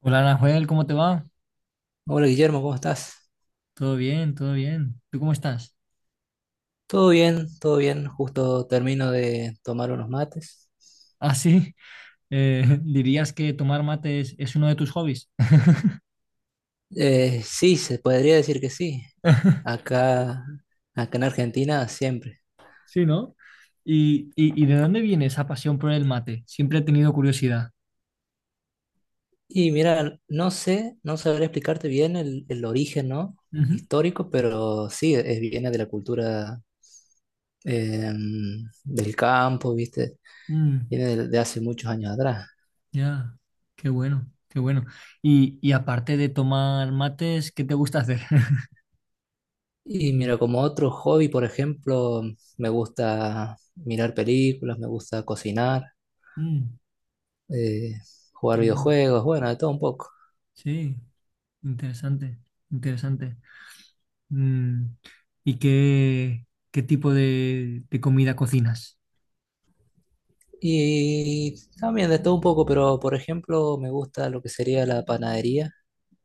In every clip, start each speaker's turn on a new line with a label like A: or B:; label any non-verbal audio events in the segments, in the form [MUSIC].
A: Hola, Nahuel, ¿cómo te va?
B: Hola Guillermo, ¿cómo estás?
A: Todo bien, todo bien. ¿Tú cómo estás?
B: Todo bien, todo bien. Justo termino de tomar unos mates.
A: [LAUGHS] Ah, sí. [LAUGHS] ¿Dirías que tomar mate es uno de tus hobbies? [LAUGHS]
B: Sí, se podría decir que sí. Acá, acá en Argentina siempre.
A: Sí, ¿no? ¿Y de dónde viene esa pasión por el mate? Siempre he tenido curiosidad.
B: Y mira, no sé, no sabré explicarte bien el origen, ¿no?
A: Ujú.
B: Histórico, pero sí, es, viene de la cultura eh, del campo, ¿viste?
A: Mm,
B: Viene de hace muchos años atrás.
A: ya, qué bueno, qué bueno. Y aparte de tomar mates, ¿qué te gusta hacer? [LAUGHS]
B: Y mira, como otro hobby, por ejemplo, me gusta mirar películas, me gusta cocinar.
A: Mm,
B: eh, Jugar
A: qué bu-
B: videojuegos, bueno, de todo un poco.
A: sí, interesante, interesante. Mm, ¿Y qué, qué tipo de comida cocinas?
B: Y también de todo un poco, pero por ejemplo me gusta lo que sería la panadería.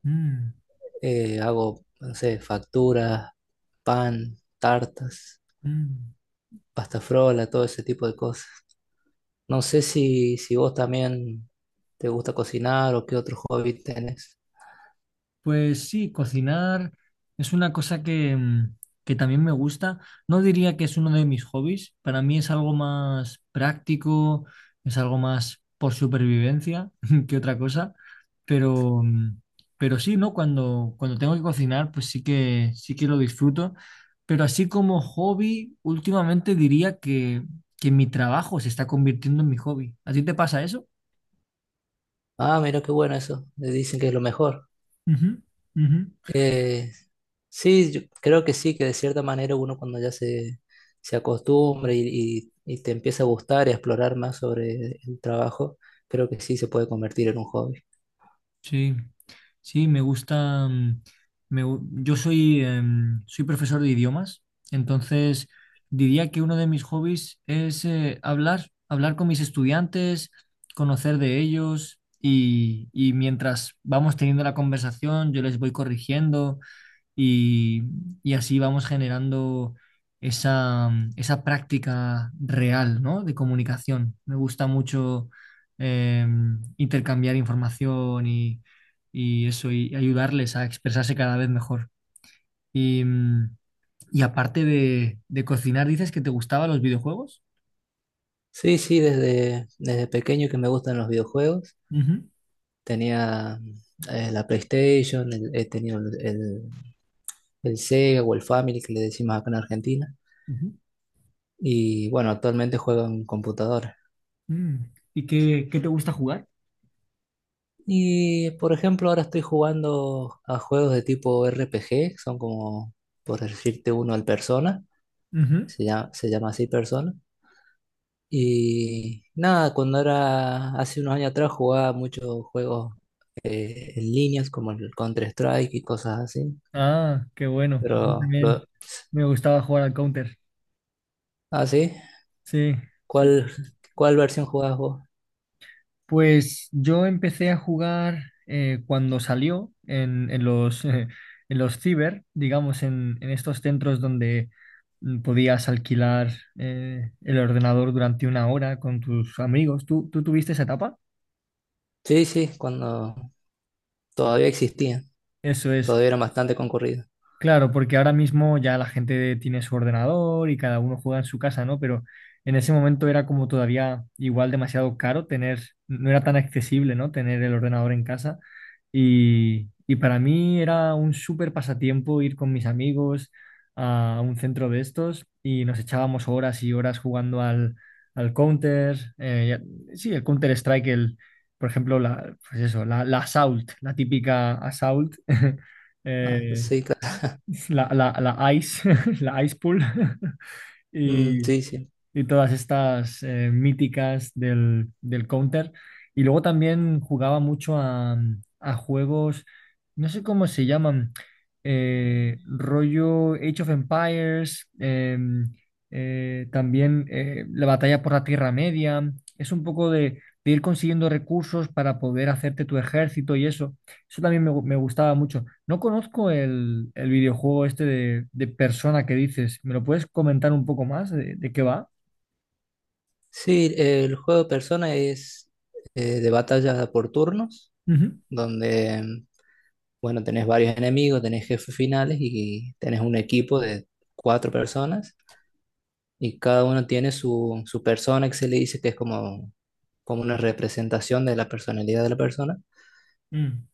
A: Mm.
B: Hago, no sé, facturas, pan, tartas,
A: Mm.
B: pasta frola, todo ese tipo de cosas. No sé si vos también te gusta cocinar o qué otro hobby tenés.
A: Pues sí, cocinar es una cosa que, que también me gusta. No diría que es uno de mis hobbies, para mí es algo más práctico, es algo más por supervivencia [LAUGHS] que otra cosa, pero, mm, pero sí, ¿no? Cuando tengo que cocinar, pues sí que lo disfruto, pero así como hobby, últimamente diría que mi trabajo se está convirtiendo en mi hobby. ¿A ti te pasa eso?
B: Ah, mira qué bueno eso. Dicen que es lo mejor.
A: Ujú, ujú.
B: Eh, sí, yo creo que sí, que de cierta manera uno cuando se acostumbra y te empieza a gustar y a explorar más sobre el trabajo, creo que sí se puede convertir en un hobby.
A: Sí, sí, me gusta. Yo soy, soy profesor de idiomas, entonces diría que uno de mis hobbies es hablar, hablar con mis estudiantes, conocer de ellos y mientras vamos teniendo la conversación, yo les voy corrigiendo y, y así vamos generando esa, esa práctica real, ¿no?, de comunicación. Me gusta mucho eh, intercambiar información y eso, y ayudarles a expresarse cada vez mejor. Y, mm, y aparte de cocinar, dices que te gustaban los videojuegos.
B: Sí, sí, desde pequeño que me gustan los videojuegos.
A: Ujú,
B: Tenía la PlayStation, he tenido el Sega o el Family que le decimos acá en Argentina.
A: ujú.
B: Y bueno, actualmente juego en computadora.
A: Mm. ¿Y qué, qué te gusta jugar?
B: Y por ejemplo, ahora estoy jugando a juegos de tipo RPG, que son como, por decirte uno, al Persona,
A: Ujú.
B: se llama así Persona. Y nada, cuando era hace unos años atrás jugaba muchos juegos en líneas como el Counter-Strike y cosas así.
A: Ah, qué bueno. A mí
B: Pero, lo,
A: también me gustaba jugar al Counter.
B: ah, sí,
A: Sí. Sí.
B: ¿cuál, cuál versión jugabas vos?
A: Pues yo empecé a jugar cuando salió en los, [LAUGHS] en los ciber, digamos, en estos centros donde podías alquilar el ordenador durante una hora con tus amigos. ¿Tú tuviste esa etapa?
B: Sí, sí, cuando todavía existían,
A: Eso es.
B: todavía eran bastante concurridos.
A: Claro, porque ahora mismo ya la gente tiene su ordenador y cada uno juega en su casa, ¿no? Pero en ese momento era como todavía igual demasiado caro tener, no era tan accesible, ¿no?, tener el ordenador en casa. Y para mí era un súper pasatiempo ir con mis amigos a un centro de estos y nos echábamos horas y horas jugando al, al Counter, sí, el Counter Strike, el, por ejemplo, la, pues eso, la, la Assault, la típica Assault. [LAUGHS]
B: Ah,
A: eh,
B: sí, claro.
A: la, la, la ice, [LAUGHS] la ice pool. [LAUGHS]
B: Mm,
A: Y,
B: sí, sí.
A: y todas estas míticas del, del Counter. Y luego también jugaba mucho a juegos, no sé cómo se llaman, rollo Age of Empires, también la batalla por la Tierra Media. Es un poco de ir consiguiendo recursos para poder hacerte tu ejército y eso. Eso también me gustaba mucho. No conozco el videojuego este de Persona que dices. ¿Me lo puedes comentar un poco más de qué va?
B: Sí, el juego de Persona es de batalla por turnos,
A: Ujú,
B: donde, bueno, tenés varios enemigos, tenés jefes finales y tenés un equipo de cuatro personas y cada uno tiene su persona que se le dice que es como, como una representación de la personalidad de la persona.
A: mm,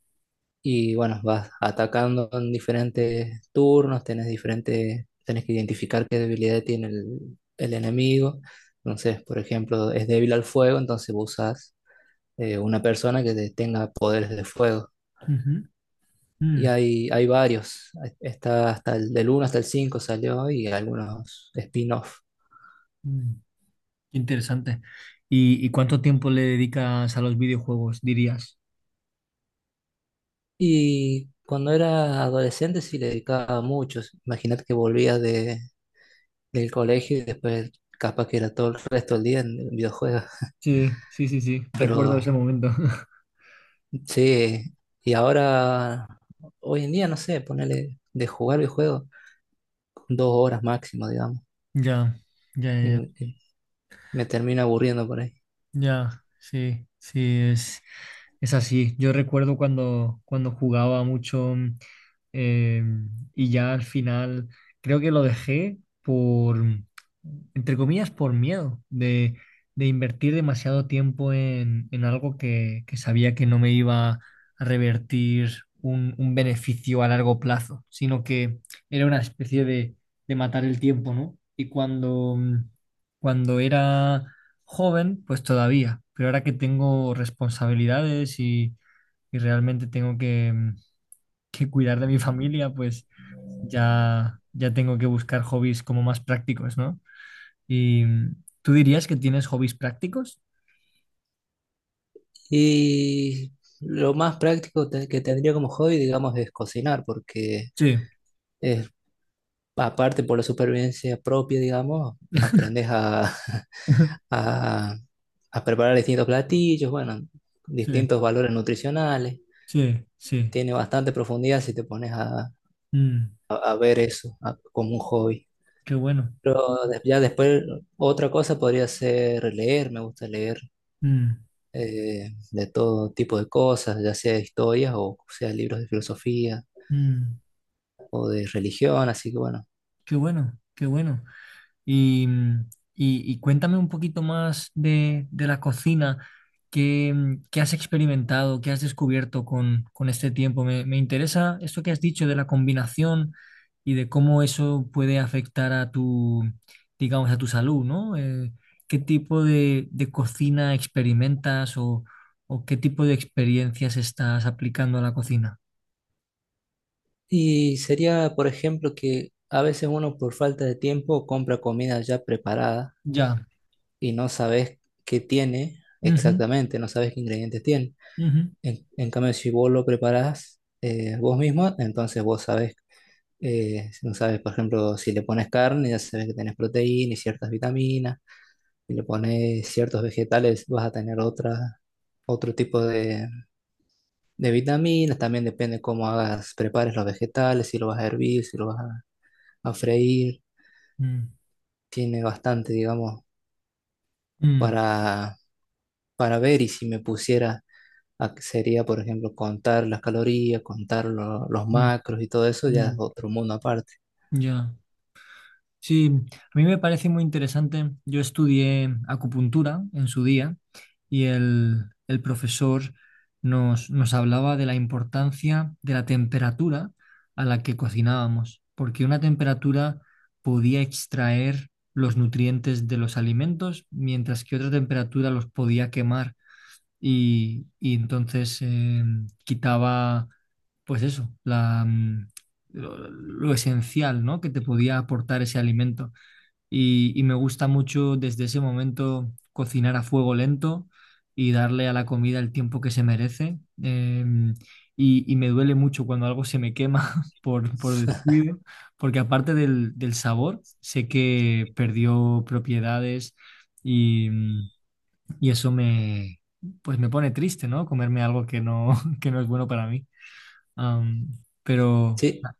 B: Y bueno, vas atacando en diferentes turnos, tenés diferentes, tenés que identificar qué debilidad tiene el enemigo. Entonces, por ejemplo, es débil al fuego, entonces vos usás una persona que tenga poderes de fuego.
A: ujú,
B: Y
A: mm,
B: hay varios. Está hasta el del uno hasta el 5 salió y algunos spin-off.
A: mm. Interesante. Y cuánto tiempo le dedicas a los videojuegos, dirías?
B: Y cuando era adolescente sí le dedicaba mucho. Imagínate que volvía del colegio y después capaz que era todo el resto del día en videojuegos.
A: Sí, sí, sí, sí.
B: Pero
A: Recuerdo ese momento. [LAUGHS]
B: sí, y ahora, hoy en día, no sé, ponerle de jugar videojuegos dos horas máximo, digamos.
A: Ya, ya, ya, ya.
B: Y me termino aburriendo por ahí.
A: Ya, sí, sí, es. Es así, yo recuerdo cuando, cuando jugaba mucho, eh, y ya al final creo que lo dejé entre comillas, por miedo de invertir demasiado tiempo en algo que sabía que no me iba a revertir un beneficio a largo plazo, sino que era una especie de matar el tiempo, ¿no? Cuando era joven, pues todavía, pero ahora que tengo responsabilidades y realmente tengo que cuidar de mi familia, pues ya, ya tengo que buscar hobbies como más prácticos, ¿no? ¿Y tú dirías que tienes hobbies prácticos?
B: Y lo más práctico que tendría como hobby, digamos, es cocinar, porque
A: Sí,
B: es, aparte por la supervivencia propia, digamos, aprendes a, [LAUGHS]
A: [LAUGHS]
B: a- a preparar distintos platillos, bueno,
A: sí,
B: distintos valores nutricionales.
A: sí, sí.
B: Tiene bastante profundidad si te pones a,
A: Mm,
B: a ver eso como un hobby.
A: qué bueno.
B: Pero ya después, otra cosa podría ser leer, me gusta leer
A: Mm,
B: de todo tipo de cosas, ya sea historias o sea libros de filosofía
A: mm,
B: o de religión, así que bueno.
A: qué bueno, qué bueno. Y, mm, y cuéntame un poquito más de la cocina. ¿Qué, qué has experimentado? ¿Qué has descubierto con este tiempo? Me interesa esto que has dicho de la combinación y de cómo eso puede afectar a tu, digamos, a tu salud, ¿no? ¿Qué tipo de cocina experimentas o qué tipo de experiencias estás aplicando a la cocina?
B: Y sería, por ejemplo, que a veces uno por falta de tiempo compra comida ya preparada
A: Ya.
B: y no sabes qué tiene
A: Ujú,
B: exactamente, no sabes qué ingredientes tiene.
A: ujú.
B: En cambio, si vos lo preparás vos mismo, entonces vos sabes si no sabes, por ejemplo, si le pones carne, ya sabes que tenés proteína y ciertas vitaminas, si le pones ciertos vegetales, vas a tener otra, otro tipo de vitaminas, también depende cómo hagas, prepares los vegetales, si lo vas a hervir, si lo vas a freír.
A: Mm,
B: Tiene bastante, digamos,
A: mm,
B: para, para ver y si me pusiera, sería, por ejemplo, contar las calorías, contar los
A: mm,
B: macros y todo eso,
A: mm,
B: ya es
A: mm.
B: otro mundo aparte.
A: Ya. Sí, a mí me parece muy interesante. Yo estudié acupuntura en su día y el profesor nos, nos hablaba de la importancia de la temperatura a la que cocinábamos, porque una temperatura podía extraer los nutrientes de los alimentos, mientras que otra temperatura los podía quemar y entonces quitaba, pues eso, lo esencial, ¿no?, que te podía aportar ese alimento. Y me gusta mucho desde ese momento cocinar a fuego lento y darle a la comida el tiempo que se merece. Y, y me duele mucho cuando algo se me quema [LAUGHS] por descuido, porque aparte del, del sabor, sé que perdió propiedades y eso me, pues me pone triste, ¿no? Comerme algo que no, [LAUGHS] que no es bueno para mí. Am, pero,
B: Sí,
A: Na-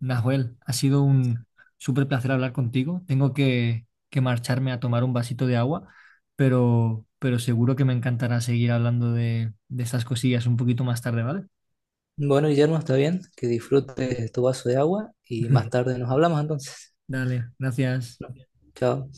A: Nahuel, ha sido un súper placer hablar contigo. Tengo que marcharme a tomar un vasito de agua, pero seguro que me encantará seguir hablando de estas cosillas un poquito más tarde, ¿vale?
B: bueno, Guillermo, está bien, que disfrutes tu vaso de agua y más
A: [LAUGHS]
B: tarde nos hablamos entonces.
A: Dale, gracias.
B: Chao.